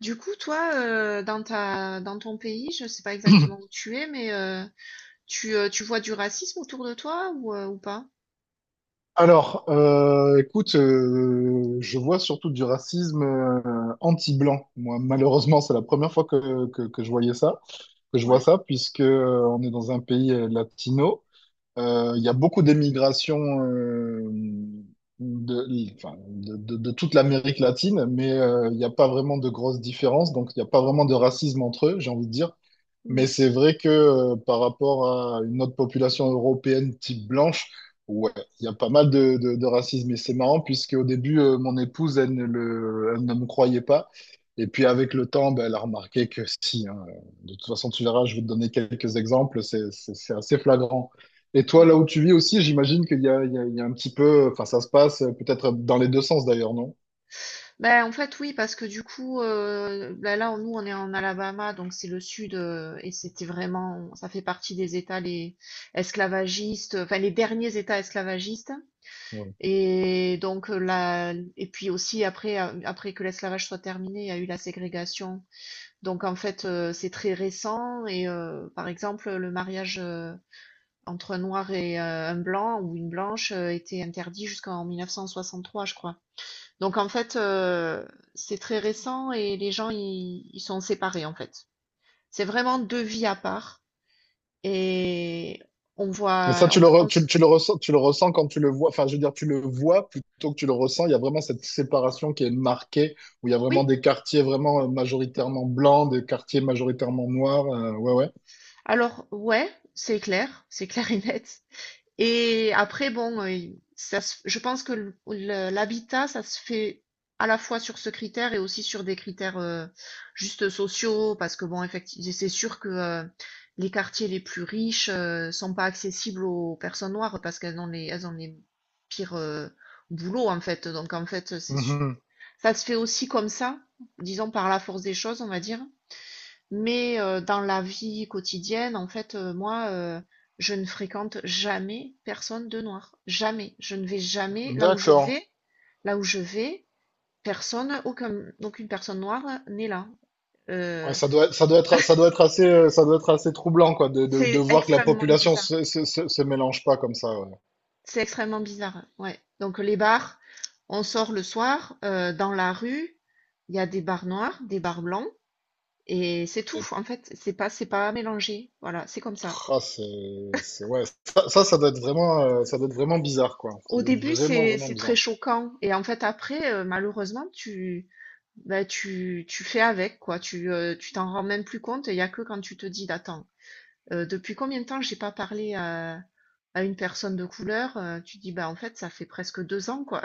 Du coup, toi, dans ta, dans ton pays, je sais pas exactement où tu es, mais tu vois du racisme autour de toi ou pas? Alors, écoute, je vois surtout du racisme anti-blanc. Moi, malheureusement, c'est la première fois que je voyais ça, que je vois Ouais. ça, puisque on est dans un pays latino. Il y a beaucoup d'émigration euh, enfin, de toute l'Amérique latine, mais il n'y a pas vraiment de grosses différences, donc il n'y a pas vraiment de racisme entre eux, j'ai envie de dire. Mais Mhm. c'est vrai que par rapport à une autre population européenne type blanche, ouais, il y a pas mal de racisme. Et c'est marrant puisque au début, mon épouse, elle ne me croyait pas. Et puis avec le temps, ben, elle a remarqué que si, hein, de toute façon, tu verras, je vais te donner quelques exemples, c'est assez flagrant. Et toi, là Ouais. où tu vis aussi, j'imagine qu'il y a un petit peu, enfin ça se passe peut-être dans les deux sens d'ailleurs, non? Ben, en fait, oui, parce que du coup, ben là, nous, on est en Alabama, donc c'est le sud, et c'était vraiment, ça fait partie des États les esclavagistes, enfin les derniers États esclavagistes. Ouais. Et donc, et puis aussi, après que l'esclavage soit terminé, il y a eu la ségrégation. Donc en fait, c'est très récent et par exemple, le mariage, entre un noir et un blanc ou une blanche, était interdit jusqu'en 1963, je crois. Donc en fait, c'est très récent et les gens ils sont séparés, en fait. C'est vraiment 2 vies à part et on Et ça, voit on f on s tu le ressens quand tu le vois. Enfin, je veux dire, tu le vois plutôt que tu le ressens. Il y a vraiment cette séparation qui est marquée, où il y a vraiment oui, des quartiers vraiment majoritairement blancs, des quartiers majoritairement noirs. Ouais, ouais. alors ouais, c'est clair et net. Et après, bon, je pense que l'habitat, ça se fait à la fois sur ce critère et aussi sur des critères, juste sociaux, parce que bon, effectivement, c'est sûr que les quartiers les plus riches sont pas accessibles aux personnes noires parce qu'elles ont les, elles ont les pires boulots en fait. Donc en fait, Mhm. ça se fait aussi comme ça, disons par la force des choses, on va dire. Mais dans la vie quotidienne, en fait, moi, je ne fréquente jamais personne de noir. Jamais. Je ne vais jamais là où je D'accord. vais. Là où je vais, personne, aucun, aucune personne noire n'est là. Ouais, Euh, ça doit être assez, ça doit être assez troublant, quoi, de c'est voir que la extrêmement population bizarre. Se mélange pas comme ça. Ouais. C'est extrêmement bizarre. Ouais. Donc les bars, on sort le soir, dans la rue, il y a des bars noirs, des bars blancs, et c'est tout. Et, En fait, c'est pas mélangé. Voilà, c'est comme ça. ah, c'est, ouais. Ça doit être vraiment, ça doit être vraiment bizarre, quoi. Ça Au doit être début, vraiment, vraiment c'est très bizarre. choquant et en fait après, malheureusement, tu fais avec quoi. Tu t'en rends même plus compte. Il y a que quand tu te dis: bah, attends, depuis combien de temps j'ai pas parlé à une personne de couleur?» Tu dis: «Bah, en fait, ça fait presque 2 ans quoi,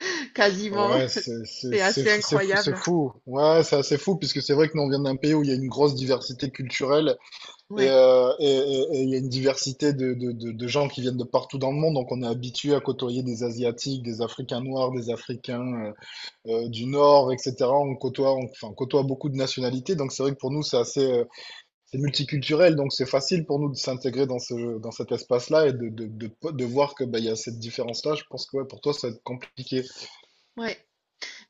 quasiment». Ouais, C'est c'est assez fou, c'est fou, c'est incroyable. fou. Ouais, c'est assez fou puisque c'est vrai que nous on vient d'un pays où il y a une grosse diversité culturelle Ouais, et il y a une diversité de gens qui viennent de partout dans le monde. Donc on est habitué à côtoyer des Asiatiques, des Africains noirs, des Africains du Nord, etc. Enfin, on côtoie beaucoup de nationalités. Donc c'est vrai que pour nous c'est multiculturel. Donc c'est facile pour nous de s'intégrer dans cet espace-là et de voir que bah, il y a cette différence-là. Je pense que ouais, pour toi ça va être compliqué. ouais.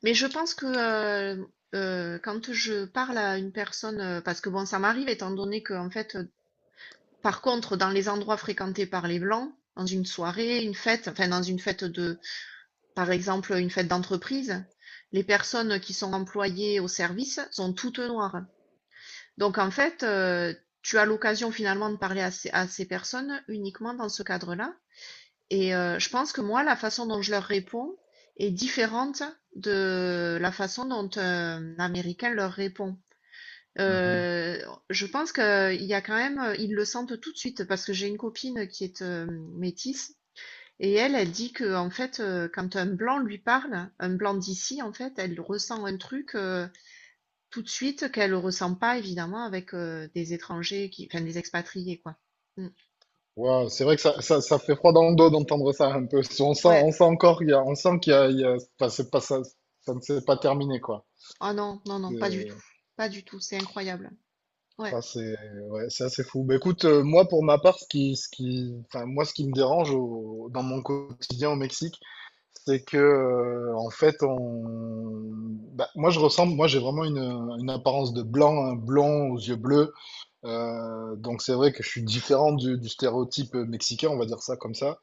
Mais je pense que, heu quand je parle à une personne, parce que bon, ça m'arrive étant donné que en fait, par contre, dans les endroits fréquentés par les blancs, dans une soirée, une fête, enfin dans une fête de, par exemple, une fête d'entreprise, les personnes qui sont employées au service sont toutes noires. Donc en fait, tu as l'occasion finalement de parler à à ces personnes uniquement dans ce cadre-là. Et je pense que moi, la façon dont je leur réponds est différente de la façon dont un Américain leur répond. Heu, je pense qu'il y a quand même, ils le sentent tout de suite parce que j'ai une copine qui est, métisse et elle, elle dit que en fait, quand un blanc lui parle, un blanc d'ici en fait, elle ressent un truc, tout de suite qu'elle ressent pas évidemment avec, des étrangers qui, des expatriés quoi. Mmh. Waouh, c'est vrai que ça fait froid dans le dos d'entendre ça un peu. Ouais. On sent encore, on sent qu'enfin, c'est pas, ça ne s'est pas terminé, quoi. Ah non, non, non, pas du C'est tout, pas du tout, c'est incroyable. Ouais, ah, c'est- ouais, c'est assez fou. Bah, écoute, moi, pour ma part, enfin, moi, ce qui me dérange dans mon quotidien au Mexique, c'est que, en fait, bah, moi, j'ai vraiment une apparence de blanc, un blond aux yeux bleus. Donc, c'est vrai que je suis différent du stéréotype mexicain, on va dire ça comme ça.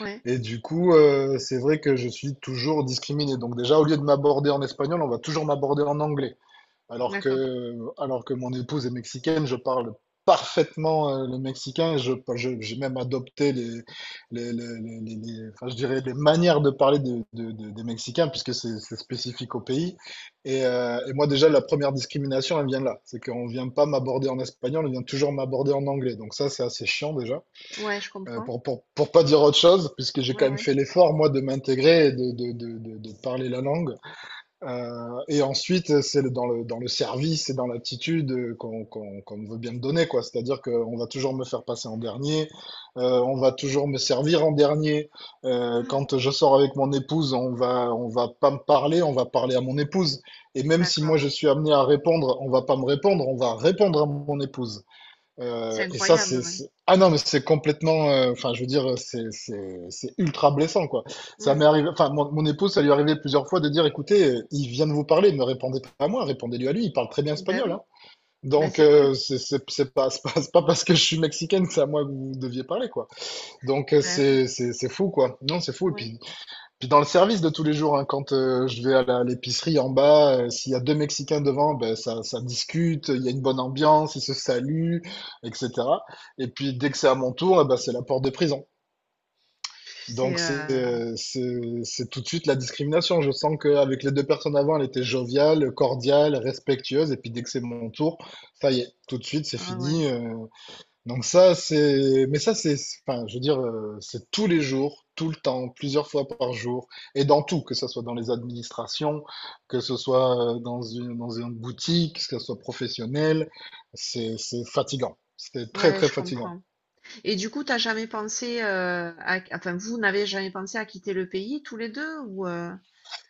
ouais, Et du coup, c'est vrai que je suis toujours discriminé. Donc déjà, au lieu de m'aborder en espagnol, on va toujours m'aborder en anglais. Alors d'accord. que alors que mon épouse est mexicaine, je parle parfaitement, le mexicain et je j'ai même adopté les enfin, je dirais, les manières de parler de des Mexicains puisque c'est spécifique au pays et moi déjà, la première discrimination, elle vient là. C'est qu'on vient pas m'aborder en espagnol, on vient toujours m'aborder en anglais. Donc ça, c'est assez chiant déjà, Ouais, je comprends. Pour pas dire autre chose, puisque j'ai Ouais, quand même ouais. fait l'effort, moi, de m'intégrer et de parler la langue. Et ensuite, c'est le- dans le, dans le service et dans l'attitude qu'on veut bien me donner, quoi. C'est-à-dire qu'on va toujours me faire passer en dernier, on va toujours me servir en dernier. Ah, Quand je sors avec mon épouse, on va pas me parler, on va parler à mon épouse. Et même si moi d'accord. je suis amené à répondre, on va pas me répondre, on va répondre à mon épouse. C'est Et ça, incroyable, ouais. Ah non, mais c'est complètement... enfin, je veux dire, c'est ultra blessant, quoi. Ça Mmh. m'est arrivé... Enfin, mon épouse, ça lui est arrivé plusieurs fois de dire, écoutez, il vient de vous parler, ne répondez pas à moi, répondez-lui à lui, il parle très bien Bah espagnol, oui, hein. bah Donc, c'est clair. C'est pas parce que je suis mexicaine que c'est à moi que vous deviez parler, quoi. Donc, Bah oui. C'est fou, quoi. Non, c'est fou. Ouais, Puis dans le service de tous les jours, hein, quand je vais l'épicerie en bas, s'il y a deux Mexicains devant, ben, ça discute, il y a une bonne ambiance, ils se saluent, etc. Et puis dès que c'est à mon tour, eh ben, c'est la porte de prison. c'est, Donc c'est tout de suite la discrimination. Je sens qu'avec les deux personnes avant, elle était joviale, cordiale, respectueuse. Et puis dès que c'est mon tour, ça y est, tout de suite, c'est ah ouais, fini. Donc ça, c'est... Mais ça, c'est... Enfin, je veux dire, c'est tous les jours, tout le temps, plusieurs fois par jour, et dans tout, que ce soit dans les administrations, que ce soit dans une boutique, que ce soit professionnel, c'est fatigant. C'est très, ouais, très je fatigant. comprends et du coup, t'as jamais pensé, à enfin, vous n'avez jamais pensé à quitter le pays tous les 2 ou?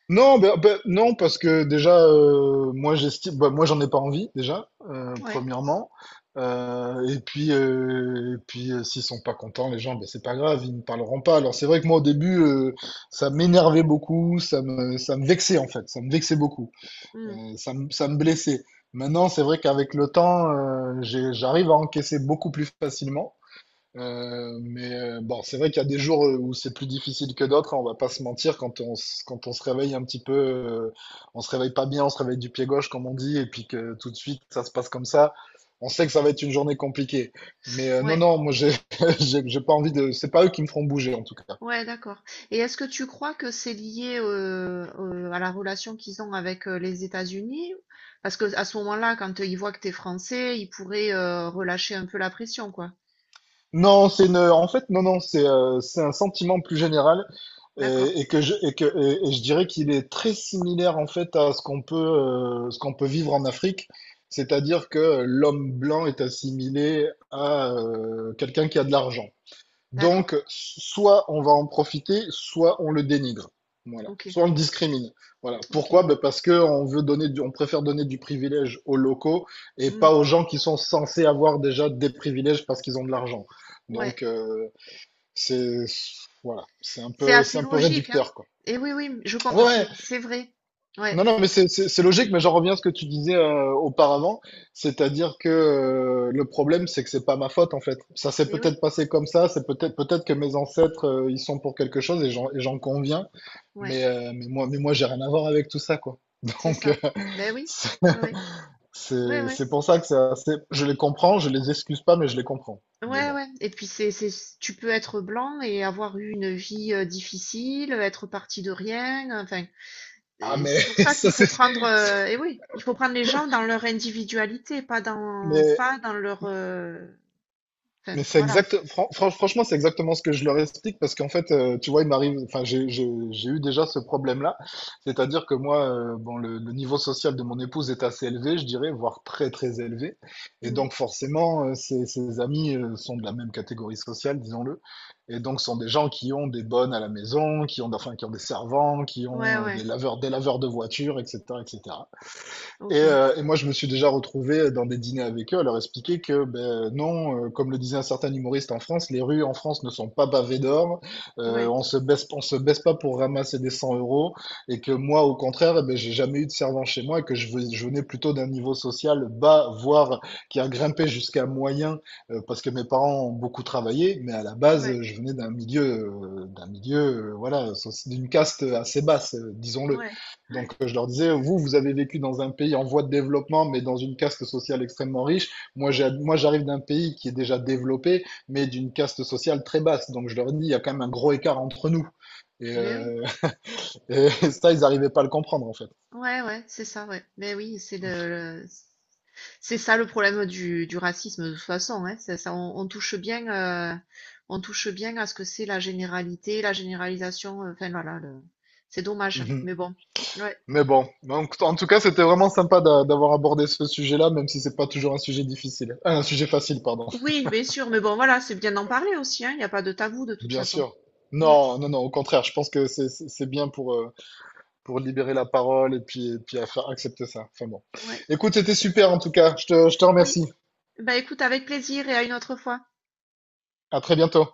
Non, non, parce que déjà, moi j'estime, bah, moi j'en ai pas envie déjà, Ouais, premièrement. Et puis, s'ils sont pas contents, les gens, ben c'est pas grave, ils ne parleront pas. Alors c'est vrai que moi au début, ça m'énervait beaucoup, ça me vexait en fait, ça me vexait beaucoup. Euh, mmh, ça me blessait. Maintenant, c'est vrai qu'avec le temps, j'arrive à encaisser beaucoup plus facilement. Mais bon, c'est vrai qu'il y a des jours où c'est plus difficile que d'autres, hein, on va pas se mentir, quand on se réveille un petit peu, on se réveille pas bien, on se réveille du pied gauche, comme on dit, et puis que tout de suite ça se passe comme ça, on sait que ça va être une journée compliquée. Mais non, ouais, non, moi j'ai j'ai pas envie de. C'est pas eux qui me feront bouger en tout cas. ouais, d'accord et est-ce que tu crois que c'est lié, à la relation qu'ils ont avec, les États-Unis? Parce que à ce moment-là, quand, ils voient que t'es français, ils pourraient, relâcher un peu la pression, quoi. Non, en fait, non, non, c'est un sentiment plus général D'accord, et que je, et que, et je dirais qu'il est très similaire en fait à ce qu'on peut vivre en Afrique, c'est-à-dire que l'homme blanc est assimilé à quelqu'un qui a de l'argent. d'accord, Donc, soit on va en profiter, soit on le dénigre. Voilà. OK, Soit on le discrimine. Voilà. OK. Pourquoi? Ben parce que on préfère donner du privilège aux locaux et Mmh, pas aux gens qui sont censés avoir déjà des privilèges parce qu'ils ont de l'argent. ouais. Donc, c'est, voilà. C'est un C'est peu, c'est assez un peu logique, hein? réducteur, quoi. Et oui, oui, Ouais. C'est vrai. Ouais. Non, non, mais c'est logique, mais j'en reviens à ce que tu disais auparavant, c'est-à-dire que le problème, c'est que c'est pas ma faute en fait. Ça s'est Et peut-être oui, passé comme ça, c'est peut-être que mes ancêtres ils sont pour quelque chose et j'en conviens, ouais, mais moi j'ai rien à voir avec tout ça quoi. c'est Donc ça. Ben oui, c'est ouais, ouais, ouais, c'est ouais, c'est pour ça que c'est assez... je les comprends, je les excuse pas, mais je les comprends. Mais ouais, bon. ouais. Et puis c'est, tu peux être blanc et avoir eu une vie difficile, être parti de rien. Enfin, Ah, mais c'est pour ça qu'il ça faut c'est prendre. Eh oui, il faut prendre les gens dans leur individualité, mais pas dans leur. Mais c'est Voilà. exact, franchement, c'est exactement ce que je leur explique parce qu'en fait, tu vois, il m'arrive, enfin, j'ai eu déjà ce problème-là. C'est-à-dire que moi, bon, le niveau social de mon épouse est assez élevé, je dirais, voire très, très élevé. Et Mhm. donc, forcément, ses amis sont de la même catégorie sociale, disons-le. Et donc, sont des gens qui ont des bonnes à la maison, enfin, qui ont des servants, qui Ouais, ont ouais. Des laveurs de voitures, etc., etc. Et, Ok. euh, et moi, je me suis déjà retrouvé dans des dîners avec eux à leur expliquer que ben, non, comme le disait un certain humoriste en France, les rues en France ne sont pas pavées d'or, Ouais, on se baisse pas pour ramasser des 100 euros, et que moi, au contraire, eh ben, j'ai jamais eu de servant chez moi, et que je venais plutôt d'un niveau social bas, voire qui a grimpé jusqu'à moyen, parce que mes parents ont beaucoup travaillé, mais à la base, ouais, je venais d'un milieu, voilà, d'une caste assez basse, disons-le. ouais. Donc, je leur disais, vous, vous avez vécu dans un pays en voie de développement, mais dans une caste sociale extrêmement riche. Moi, moi, j'arrive d'un pays qui est déjà développé, mais d'une caste sociale très basse. Donc, je leur dis, il y a quand même un gros écart entre nous. Et, Mais oui. Et ça, ils n'arrivaient pas à le comprendre, en fait. Ouais, ouais, c'est ça, ouais. Mais oui, c'est le- c'est ça le problème du racisme de toute façon, hein. Ça, on touche bien à ce que c'est la généralité, la généralisation. Enfin voilà, le- c'est dommage, Mhm. mais bon. Ouais. Mais bon, donc, en tout cas, c'était vraiment sympa d'avoir abordé ce sujet-là, même si c'est pas toujours un sujet difficile. Ah, un sujet facile, pardon. Oui, bien sûr, mais bon, voilà, c'est bien d'en parler aussi, hein. Il n'y a pas de tabou de toute Bien façon. sûr. Mm, Non, non, non, au contraire, je pense que c'est bien pour libérer la parole et puis à faire accepter ça. Enfin bon. ouais. Écoute, c'était super en tout cas. Je te Oui. remercie. Bah écoute, avec plaisir et à une autre fois. À très bientôt.